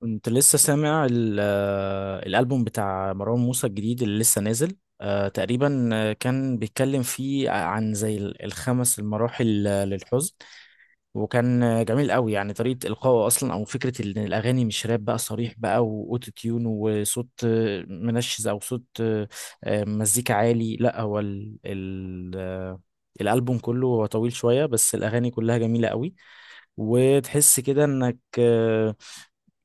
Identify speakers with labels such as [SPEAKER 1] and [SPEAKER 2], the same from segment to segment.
[SPEAKER 1] كنت لسه سامع الألبوم بتاع مروان موسى الجديد اللي لسه نازل تقريبا. كان بيتكلم فيه عن زي الخمس المراحل للحزن. وكان جميل قوي، يعني طريقة إلقائه أصلا، أو فكرة إن الأغاني مش راب بقى صريح بقى، وأوتو تيون وصوت منشز، أو صوت مزيكا عالي. لا هو ال ال آه، الألبوم كله هو طويل شوية، بس الأغاني كلها جميلة قوي، وتحس كده انك آه،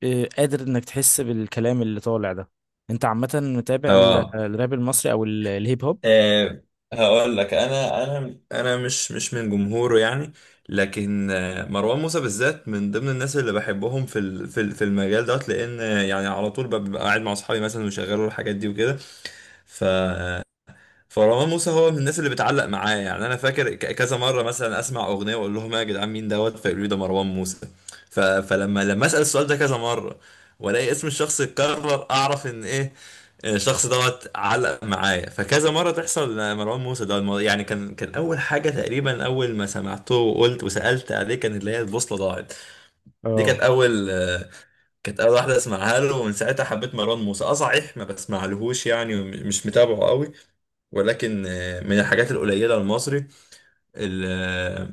[SPEAKER 1] آه، قادر انك تحس بالكلام اللي طالع ده. انت عامة متابع
[SPEAKER 2] اه
[SPEAKER 1] الراب المصري او الهيب هوب؟
[SPEAKER 2] آه، هقول لك، انا مش من جمهوره يعني. لكن مروان موسى بالذات من ضمن الناس اللي بحبهم في المجال دوت، لان يعني على طول ببقى قاعد مع اصحابي مثلا ويشغلوا الحاجات دي وكده. فمروان موسى هو من الناس اللي بتعلق معايا. يعني انا فاكر كذا مره مثلا اسمع اغنيه واقول لهم: يا جدعان مين دوت؟ فيقولوا لي: ده مروان موسى. ف... فلما لما اسال السؤال ده كذا مره والاقي اسم الشخص اتكرر، اعرف ان ايه، إن الشخص دوت علق معايا. فكذا مره تحصل. مروان موسى ده يعني كان اول حاجه تقريبا اول ما سمعته وقلت وسالت عليه كان اللي هي البوصله ضاعت. دي
[SPEAKER 1] اه.
[SPEAKER 2] كانت اول كانت اول واحده اسمعها له، ومن ساعتها حبيت مروان موسى. اه صحيح ما بسمعلهوش يعني، ومش متابعه قوي، ولكن من الحاجات القليلة المصري اللي,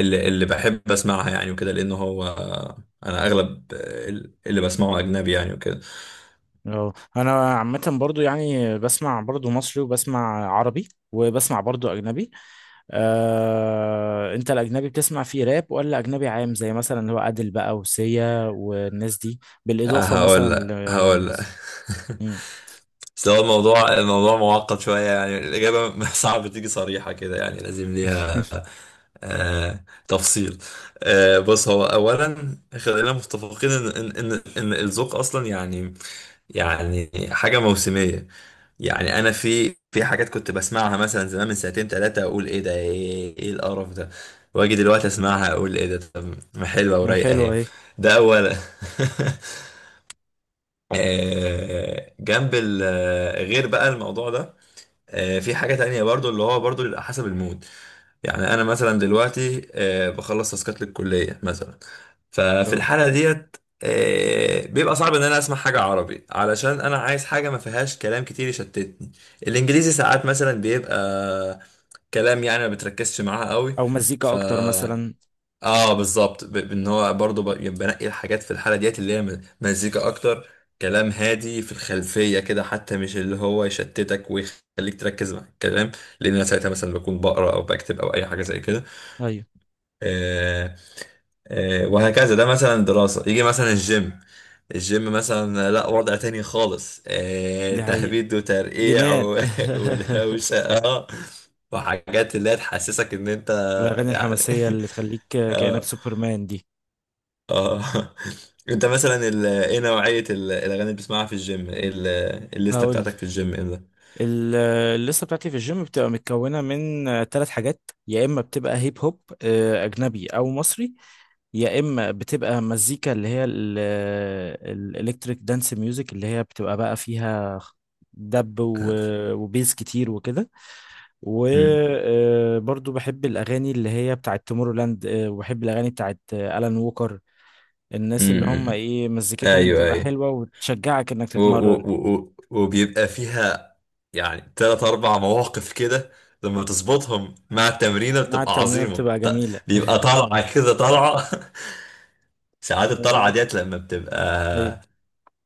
[SPEAKER 2] اللي بحب اسمعها يعني وكده، لأنه هو أنا أغلب اللي بسمعه أجنبي يعني وكده.
[SPEAKER 1] اه، انا عامة برضو يعني بسمع برضو مصري، وبسمع عربي، وبسمع برضو اجنبي. انت الاجنبي بتسمع فيه راب، ولا اجنبي عام زي مثلا اللي هو عادل بقى وسيا والناس دي، بالاضافة مثلا
[SPEAKER 2] هقول لك هقول لك.
[SPEAKER 1] للناس. مم.
[SPEAKER 2] بس هو الموضوع معقد شوية يعني. الإجابة صعب تيجي صريحة كده يعني، لازم ليها تفصيل. بص، هو أولا خلينا متفقين إن الذوق أصلا يعني، يعني حاجة موسمية. يعني انا في حاجات كنت بسمعها مثلا زمان من ساعتين ثلاثة اقول ايه ده، إيه القرف ده، واجي دلوقتي اسمعها اقول ايه ده، طب ما حلوة
[SPEAKER 1] ما
[SPEAKER 2] ورايقة
[SPEAKER 1] حلوة
[SPEAKER 2] اهي.
[SPEAKER 1] اهي.
[SPEAKER 2] ده اولا. جنب غير بقى الموضوع ده، في حاجة تانية برضو اللي هو برضو بيبقى حسب المود. يعني انا مثلا دلوقتي بخلص تاسكات للكليه مثلا. ففي
[SPEAKER 1] اه.
[SPEAKER 2] الحاله ديت بيبقى صعب ان انا اسمع حاجه عربي، علشان انا عايز حاجه ما فيهاش كلام كتير يشتتني. الانجليزي ساعات مثلا بيبقى كلام يعني ما بتركزش معاه قوي.
[SPEAKER 1] او مزيكا
[SPEAKER 2] ف
[SPEAKER 1] اكتر مثلا.
[SPEAKER 2] اه بالظبط. بان هو برضه يعني بنقي الحاجات في الحاله ديت اللي هي مزيكا اكتر، كلام هادي في الخلفيه كده، حتى مش اللي هو يشتتك ويخليك تركز مع الكلام، لان انا ساعتها مثلا بكون بقرا او بكتب او اي حاجه زي كده.
[SPEAKER 1] ايوه،
[SPEAKER 2] آه وهكذا. ده مثلا دراسه. يجي مثلا الجيم، الجيم مثلا لا وضع تاني خالص.
[SPEAKER 1] دي حقيقة،
[SPEAKER 2] تهبيد وترقيع
[SPEAKER 1] جنان.
[SPEAKER 2] ودوشه اه، وحاجات اللي هي تحسسك ان انت
[SPEAKER 1] الأغاني
[SPEAKER 2] يعني.
[SPEAKER 1] الحماسية اللي تخليك كأنك
[SPEAKER 2] اه
[SPEAKER 1] سوبرمان دي.
[SPEAKER 2] اه انت مثلا ايه نوعية الاغاني اللي بتسمعها في الجيم، ايه الليستة
[SPEAKER 1] هقول.
[SPEAKER 2] بتاعتك في الجيم ايه ده؟
[SPEAKER 1] ال- الليستة بتاعتي في الجيم بتبقى متكونة من ثلاث حاجات. يا إما بتبقى هيب هوب، أجنبي أو مصري، يا إما بتبقى مزيكا اللي هي الإلكتريك دانس ميوزك، اللي هي بتبقى بقى فيها دب وبيز كتير وكده.
[SPEAKER 2] مم.
[SPEAKER 1] وبرضو بحب الأغاني اللي هي بتاعت تومورلاند، وبحب الأغاني بتاعت آلان ووكر. الناس اللي هم
[SPEAKER 2] مم.
[SPEAKER 1] ايه مزيكتهم
[SPEAKER 2] ايوه
[SPEAKER 1] بتبقى
[SPEAKER 2] ايوه.
[SPEAKER 1] حلوة وتشجعك انك
[SPEAKER 2] و... و...
[SPEAKER 1] تتمرن.
[SPEAKER 2] و... و- وبيبقى فيها يعني تلات اربع مواقف كده لما تظبطهم مع التمرينة
[SPEAKER 1] مع
[SPEAKER 2] بتبقى
[SPEAKER 1] التمرين
[SPEAKER 2] عظيمة.
[SPEAKER 1] بتبقى جميلة.
[SPEAKER 2] بيبقى طالعة كده طالعة. ساعات الطلعة
[SPEAKER 1] أيوة.
[SPEAKER 2] ديت لما
[SPEAKER 1] أيوة.
[SPEAKER 2] بتبقى،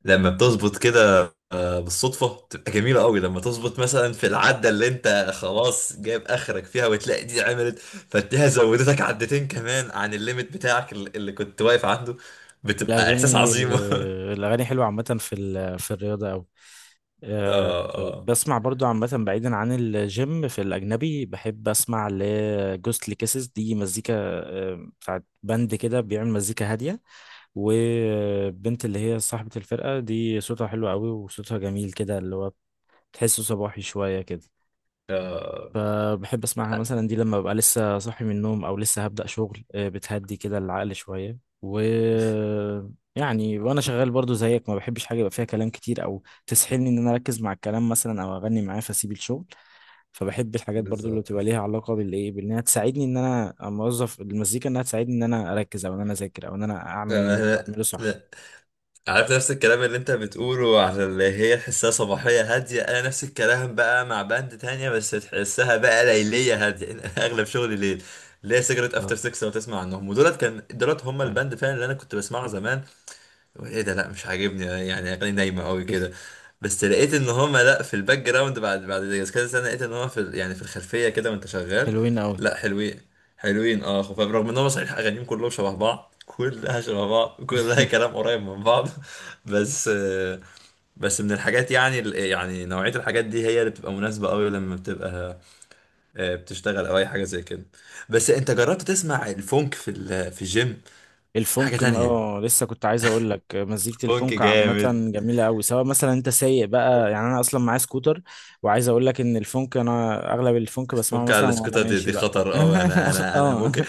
[SPEAKER 2] لما بتظبط كده بالصدفة، بتبقى جميلة قوي. لما تظبط مثلا في العدة اللي انت خلاص جايب اخرك فيها، وتلاقي دي عملت، فتلاقيها زودتك عدتين كمان عن الليمت بتاعك اللي كنت واقف عنده، بتبقى احساس
[SPEAKER 1] الأغاني،
[SPEAKER 2] عظيم. اه
[SPEAKER 1] الأغاني حلوة عامة في في الرياضة أوي. أه،
[SPEAKER 2] اه
[SPEAKER 1] بسمع برضو عامة بعيدا عن الجيم، في الأجنبي بحب أسمع لجوستلي كيسز، دي مزيكا، أه، بتاعت بند كده بيعمل مزيكا هادية. والبنت اللي هي صاحبة الفرقة دي صوتها حلو أوي، وصوتها جميل كده، اللي هو تحسه صباحي شوية كده.
[SPEAKER 2] اه
[SPEAKER 1] فبحب اسمعها مثلا دي لما ببقى لسه صاحي من النوم، او لسه هبدأ شغل، بتهدي كده العقل شوية. و، يعني وانا شغال برضو زيك، ما بحبش حاجة يبقى فيها كلام كتير، او تسحلني ان انا اركز مع الكلام مثلا، او اغني معاه فاسيب الشغل. فبحب الحاجات برضو اللي
[SPEAKER 2] بالظبط.
[SPEAKER 1] بتبقى ليها علاقة بالايه، بانها تساعدني ان انا اوظف المزيكا، انها تساعدني ان انا اركز، او ان انا اذاكر، او ان انا
[SPEAKER 2] لا
[SPEAKER 1] اعمل،
[SPEAKER 2] لا
[SPEAKER 1] اعمله صح.
[SPEAKER 2] لا عارف نفس الكلام اللي انت بتقوله على اللي هي تحسها صباحية هادية؟ انا نفس الكلام بقى مع باند تانية بس تحسها بقى ليلية هادية. انا اغلب شغلي ليل. ليه سيجرت
[SPEAKER 1] آه،
[SPEAKER 2] افتر 6، لو تسمع عنهم. ودولت كان دولت هم الباند
[SPEAKER 1] ف-
[SPEAKER 2] فعلا اللي انا كنت بسمعه زمان. ايه ده لا مش عاجبني يعني، اغاني نايمه قوي كده. بس لقيت ان هما لا، في الباك جراوند بعد كذا سنه، لقيت ان هو يعني في الخلفيه كده وانت شغال.
[SPEAKER 1] حلوين قوي.
[SPEAKER 2] لا حلوين، حلوين اه، خفاف، رغم ان هو صحيح اغانيهم كلهم شبه بعض، كلها شبه بعض، كلها كلام قريب من بعض. بس بس من الحاجات يعني يعني نوعية الحاجات دي هي اللي بتبقى مناسبة قوي لما بتبقى بتشتغل او اي حاجة زي كده. بس انت جربت تسمع الفونك في الجيم؟ حاجة تانية.
[SPEAKER 1] اه، لسه كنت عايز اقول لك، مزيكة
[SPEAKER 2] فونك
[SPEAKER 1] الفونك عامة
[SPEAKER 2] جامد.
[SPEAKER 1] جميلة قوي، سواء مثلا انت سايق بقى، يعني انا اصلا معايا سكوتر، وعايز اقول لك ان الفونك، انا اغلب الفونك بسمعه
[SPEAKER 2] فك على
[SPEAKER 1] مثلا وانا
[SPEAKER 2] الاسكوتة
[SPEAKER 1] ماشي
[SPEAKER 2] دي
[SPEAKER 1] بقى.
[SPEAKER 2] خطر أوي. أنا أنا أنا
[SPEAKER 1] اه،
[SPEAKER 2] ممكن،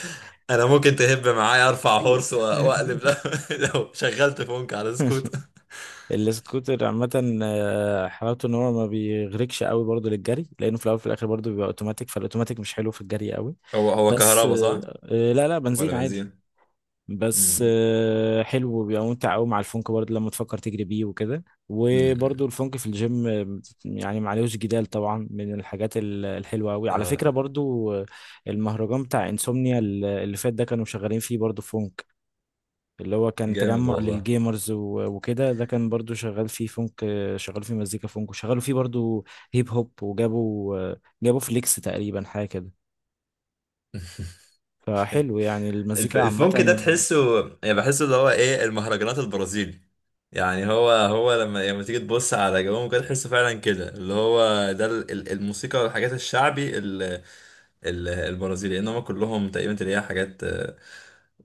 [SPEAKER 2] أنا ممكن تهب معايا أرفع
[SPEAKER 1] كتير.
[SPEAKER 2] هورس وأ- وأقلب لو شغلت فونك على السكوت.
[SPEAKER 1] السكوتر عامة، حلاوته ان هو ما بيغرقش قوي برضه للجري، لانه في الاول وفي الاخر برضه بيبقى اوتوماتيك، فالاوتوماتيك مش حلو في الجري قوي.
[SPEAKER 2] هو هو
[SPEAKER 1] بس
[SPEAKER 2] كهربا صح؟
[SPEAKER 1] لا لا،
[SPEAKER 2] ولا
[SPEAKER 1] بنزين عادي.
[SPEAKER 2] بنزين؟
[SPEAKER 1] بس
[SPEAKER 2] امم
[SPEAKER 1] حلو، وبيبقى ممتع قوي مع الفونك برضه لما تفكر تجري بيه وكده. وبرضه
[SPEAKER 2] امم
[SPEAKER 1] الفونك في الجيم، يعني معلوش جدال طبعا، من الحاجات الحلوه قوي على فكره
[SPEAKER 2] آه
[SPEAKER 1] برضه. آه، المهرجان بتاع انسومنيا اللي فات ده، كانوا شغالين فيه برضه فونك، اللي هو كان
[SPEAKER 2] جامد
[SPEAKER 1] تجمع
[SPEAKER 2] والله.
[SPEAKER 1] للجيمرز وكده. ده كان برضه شغال فيه فونك، شغال فيه مزيكا فونك، وشغالوا فيه برضه هيب هوب. وجابوا جابوا فليكس تقريبا، حاجه كده. فحلو يعني المزيكا عامة،
[SPEAKER 2] الفونك ده تحسه، يعني بحسه اللي هو إيه، المهرجانات البرازيلي. يعني هو لما تيجي تبص على جوهم كده تحسه فعلا كده اللي هو ده الموسيقى والحاجات الشعبي البرازيلي. انما كلهم تقريبا تلاقيها حاجات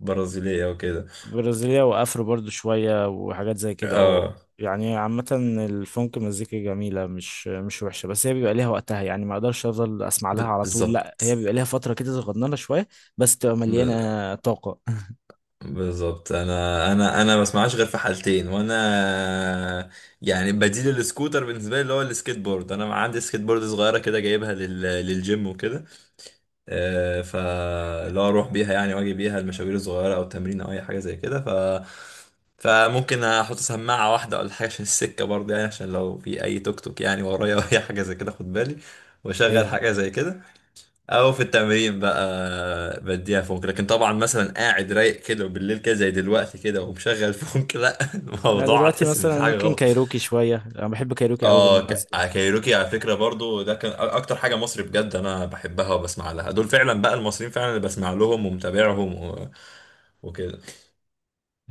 [SPEAKER 2] برازيلية وكده.
[SPEAKER 1] برازيلية وافro برضو شوية وحاجات زي كده. اه،
[SPEAKER 2] اه
[SPEAKER 1] يعني عامة الفونك مزيكا جميلة، مش مش وحشة، بس هي بيبقى ليها وقتها يعني، ما اقدرش افضل اسمع لها
[SPEAKER 2] ب-
[SPEAKER 1] على طول، لا هي
[SPEAKER 2] بالظبط
[SPEAKER 1] بيبقى ليها فترة كده صغننة شوية، بس تبقى
[SPEAKER 2] ب-
[SPEAKER 1] مليانة طاقة.
[SPEAKER 2] بالظبط. انا ما بسمعهاش غير في حالتين، وانا يعني بديل السكوتر بالنسبه لي اللي هو السكيت بورد. انا عندي سكيت بورد صغيره كده جايبها للجيم وكده. فاللي هو اروح بيها يعني واجي بيها المشاوير الصغيره او التمرين او اي حاجه زي كده. فممكن احط سماعه واحده ولا حاجه عشان السكه برضه، يعني عشان لو في اي توك توك يعني ورايا اي حاجه زي كده خد بالي، واشغل
[SPEAKER 1] اي.
[SPEAKER 2] حاجه زي كده. او في التمرين بقى بديها فونك. لكن طبعا مثلا قاعد رايق كده وبالليل كده زي دلوقتي كده ومشغل فونك، لا،
[SPEAKER 1] لا
[SPEAKER 2] الموضوع
[SPEAKER 1] دلوقتي
[SPEAKER 2] هتحس ان في
[SPEAKER 1] مثلا
[SPEAKER 2] حاجه
[SPEAKER 1] ممكن
[SPEAKER 2] غلط.
[SPEAKER 1] كايروكي شوية، انا بحب كايروكي قوي
[SPEAKER 2] اه
[SPEAKER 1] بالمناسبة.
[SPEAKER 2] كايروكي على فكره برضو ده كان اكتر حاجه مصري بجد انا بحبها وبسمع لها. دول فعلا بقى المصريين فعلا اللي بسمع لهم ومتابعهم وكده.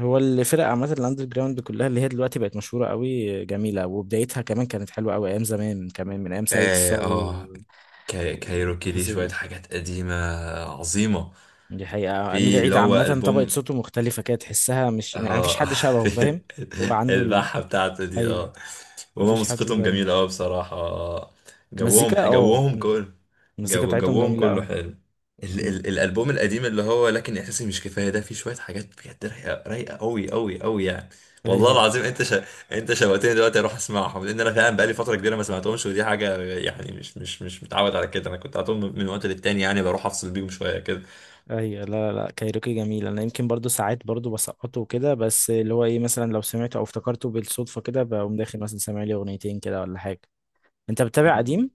[SPEAKER 1] هو الفرق عامة الاندر جراوند كلها، اللي هي دلوقتي بقت مشهورة قوي جميلة، وبدايتها كمان كانت حلوة قوي، ايام زمان كمان من ايام سيد
[SPEAKER 2] اه,
[SPEAKER 1] الصاوي
[SPEAKER 2] آه
[SPEAKER 1] و…
[SPEAKER 2] كايروكي ليه
[SPEAKER 1] والتفاصيل
[SPEAKER 2] شويه
[SPEAKER 1] دي،
[SPEAKER 2] حاجات قديمه عظيمه.
[SPEAKER 1] دي حقيقة. أمير
[SPEAKER 2] في اللي
[SPEAKER 1] عيد
[SPEAKER 2] هو
[SPEAKER 1] عامة طبقة
[SPEAKER 2] البوم
[SPEAKER 1] صوته مختلفة كده، تحسها مش، يعني مفيش
[SPEAKER 2] اه.
[SPEAKER 1] حد شبهه، فاهم. هو عنده ال،
[SPEAKER 2] البحة بتاعته دي
[SPEAKER 1] أي،
[SPEAKER 2] اه. وهما
[SPEAKER 1] مفيش حد
[SPEAKER 2] موسيقتهم
[SPEAKER 1] زي
[SPEAKER 2] جميلة اه بصراحة آه. جوهم
[SPEAKER 1] مزيكا، اه،
[SPEAKER 2] جوهم كله
[SPEAKER 1] المزيكا
[SPEAKER 2] جو
[SPEAKER 1] بتاعتهم
[SPEAKER 2] جوهم
[SPEAKER 1] جميلة
[SPEAKER 2] كله
[SPEAKER 1] أوي.
[SPEAKER 2] حلو. ال ال الألبوم القديم اللي هو لكن إحساسي مش كفاية، ده فيه شوية حاجات بجد رايقة، رايقة أوي أوي أوي يعني. والله
[SPEAKER 1] أيوه،
[SPEAKER 2] العظيم أنت أنت شوقتني دلوقتي أروح أسمعهم، لأن أنا فعلا بقالي فترة كبيرة ما سمعتهمش، ودي حاجة يعني مش متعود على كده، أنا كنت على طول من وقت للتاني يعني بروح أفصل بيهم شوية
[SPEAKER 1] أيوه. لا لا، كايروكي جميل، أنا يمكن برضو ساعات برضو بسقطه كده، بس اللي هو إيه مثلا، لو سمعته أو افتكرته بالصدفة كده بقوم داخل مثلا سامع لي أغنيتين كده ولا حاجة. أنت بتتابع
[SPEAKER 2] كده.
[SPEAKER 1] قديم؟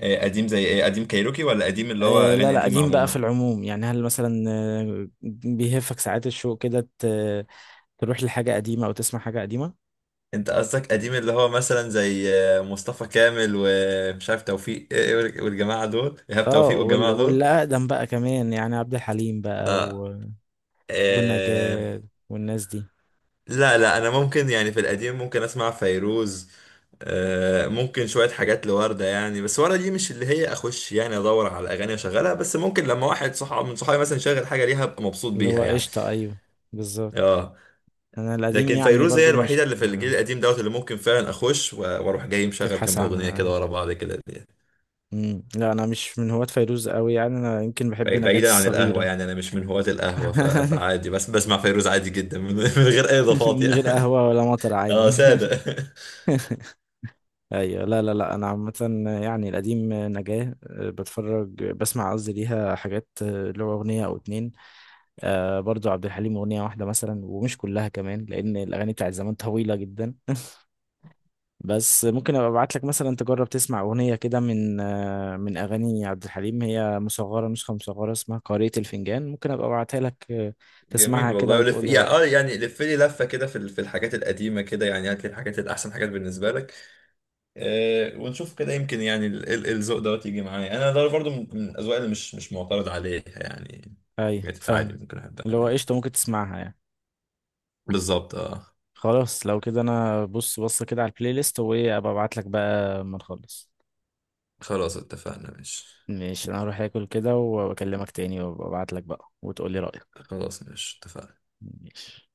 [SPEAKER 2] إيه قديم زي ايه؟ قديم كايروكي ولا قديم اللي هو
[SPEAKER 1] آه، لا
[SPEAKER 2] اغاني
[SPEAKER 1] لا،
[SPEAKER 2] قديمه
[SPEAKER 1] قديم بقى في
[SPEAKER 2] عموما؟
[SPEAKER 1] العموم يعني، هل مثلا بيهفك ساعات الشوق كده، تروح لحاجة قديمة أو تسمع حاجة قديمة؟
[SPEAKER 2] انت قصدك قديم اللي هو مثلا زي مصطفى كامل ومش عارف توفيق إيه، وال- والجماعه دول، ايهاب
[SPEAKER 1] اه،
[SPEAKER 2] توفيق
[SPEAKER 1] وال...
[SPEAKER 2] والجماعه دول؟
[SPEAKER 1] واللي اقدم بقى كمان يعني، عبد الحليم بقى
[SPEAKER 2] لا
[SPEAKER 1] و…
[SPEAKER 2] إيه.
[SPEAKER 1] ونجاة والناس دي.
[SPEAKER 2] لا، انا ممكن يعني في القديم ممكن اسمع فيروز، ممكن شويه حاجات لوردة يعني. بس وردة دي مش اللي هي اخش يعني ادور على اغاني اشغلها، بس ممكن لما واحد صحاب من صحابي مثلا يشغل حاجه ليها ابقى مبسوط
[SPEAKER 1] اللي هو
[SPEAKER 2] بيها يعني.
[SPEAKER 1] قشطة، ايوه، بالظبط.
[SPEAKER 2] اه.
[SPEAKER 1] انا القديم
[SPEAKER 2] لكن
[SPEAKER 1] يعني
[SPEAKER 2] فيروز هي
[SPEAKER 1] برضو
[SPEAKER 2] الوحيده
[SPEAKER 1] مش
[SPEAKER 2] اللي في الجيل القديم دوت اللي ممكن فعلا اخش و- واروح جاي مشغل
[SPEAKER 1] تبحث
[SPEAKER 2] كام اغنيه
[SPEAKER 1] عنها،
[SPEAKER 2] كده
[SPEAKER 1] ايوه.
[SPEAKER 2] ورا بعض كده دي.
[SPEAKER 1] مم. لا انا مش من هواة فيروز قوي يعني، انا يمكن بحب نجاة
[SPEAKER 2] بعيدا عن القهوه
[SPEAKER 1] الصغيرة.
[SPEAKER 2] يعني، انا مش من هواة القهوه، فعادي. بس بسمع فيروز عادي جدا من غير اي اضافات
[SPEAKER 1] من غير
[SPEAKER 2] يعني.
[SPEAKER 1] قهوة ولا مطر
[SPEAKER 2] اه
[SPEAKER 1] عادي.
[SPEAKER 2] ساده.
[SPEAKER 1] ايوه، لا لا لا، انا عامة يعني، القديم نجاة، بتفرج بسمع قصدي ليها حاجات، اللي هو اغنية او اتنين. آه، برضو عبد الحليم أغنية واحدة مثلا، ومش كلها كمان، لأن الأغاني بتاعت زمان طويلة جدا. بس ممكن أبقى أبعت لك مثلا تجرب تسمع أغنية كده، من من أغاني عبد الحليم، هي مصغرة، نسخة مصغرة، اسمها قارئة الفنجان. ممكن أبقى أبعتها لك، تسمعها
[SPEAKER 2] جميل
[SPEAKER 1] كده
[SPEAKER 2] والله، ولف
[SPEAKER 1] وتقول لي
[SPEAKER 2] يعني اه،
[SPEAKER 1] رأيك.
[SPEAKER 2] يعني لف لي لفه كده في الحاجات القديمه كده يعني، هات لي الحاجات الاحسن حاجات بالنسبه لك، ونشوف كده. يمكن يعني الذوق دوت يجي معايا، انا ده برضه من الاذواق اللي مش معترض عليها يعني،
[SPEAKER 1] أي،
[SPEAKER 2] بقت عادي
[SPEAKER 1] فاهمك،
[SPEAKER 2] ممكن احبها
[SPEAKER 1] اللي هو
[SPEAKER 2] يعني.
[SPEAKER 1] قشطة، ممكن تسمعها يعني.
[SPEAKER 2] بالظبط اه.
[SPEAKER 1] خلاص، لو كده أنا بص كده على البلاي ليست، وإيه، أبقى أبعت لك بقى ما نخلص.
[SPEAKER 2] خلاص اتفقنا مش؟
[SPEAKER 1] ماشي، أنا هروح آكل كده وأكلمك تاني، وأبقى أبعت لك بقى وتقول لي رأيك.
[SPEAKER 2] خلاص مش اتفقنا.
[SPEAKER 1] ماشي.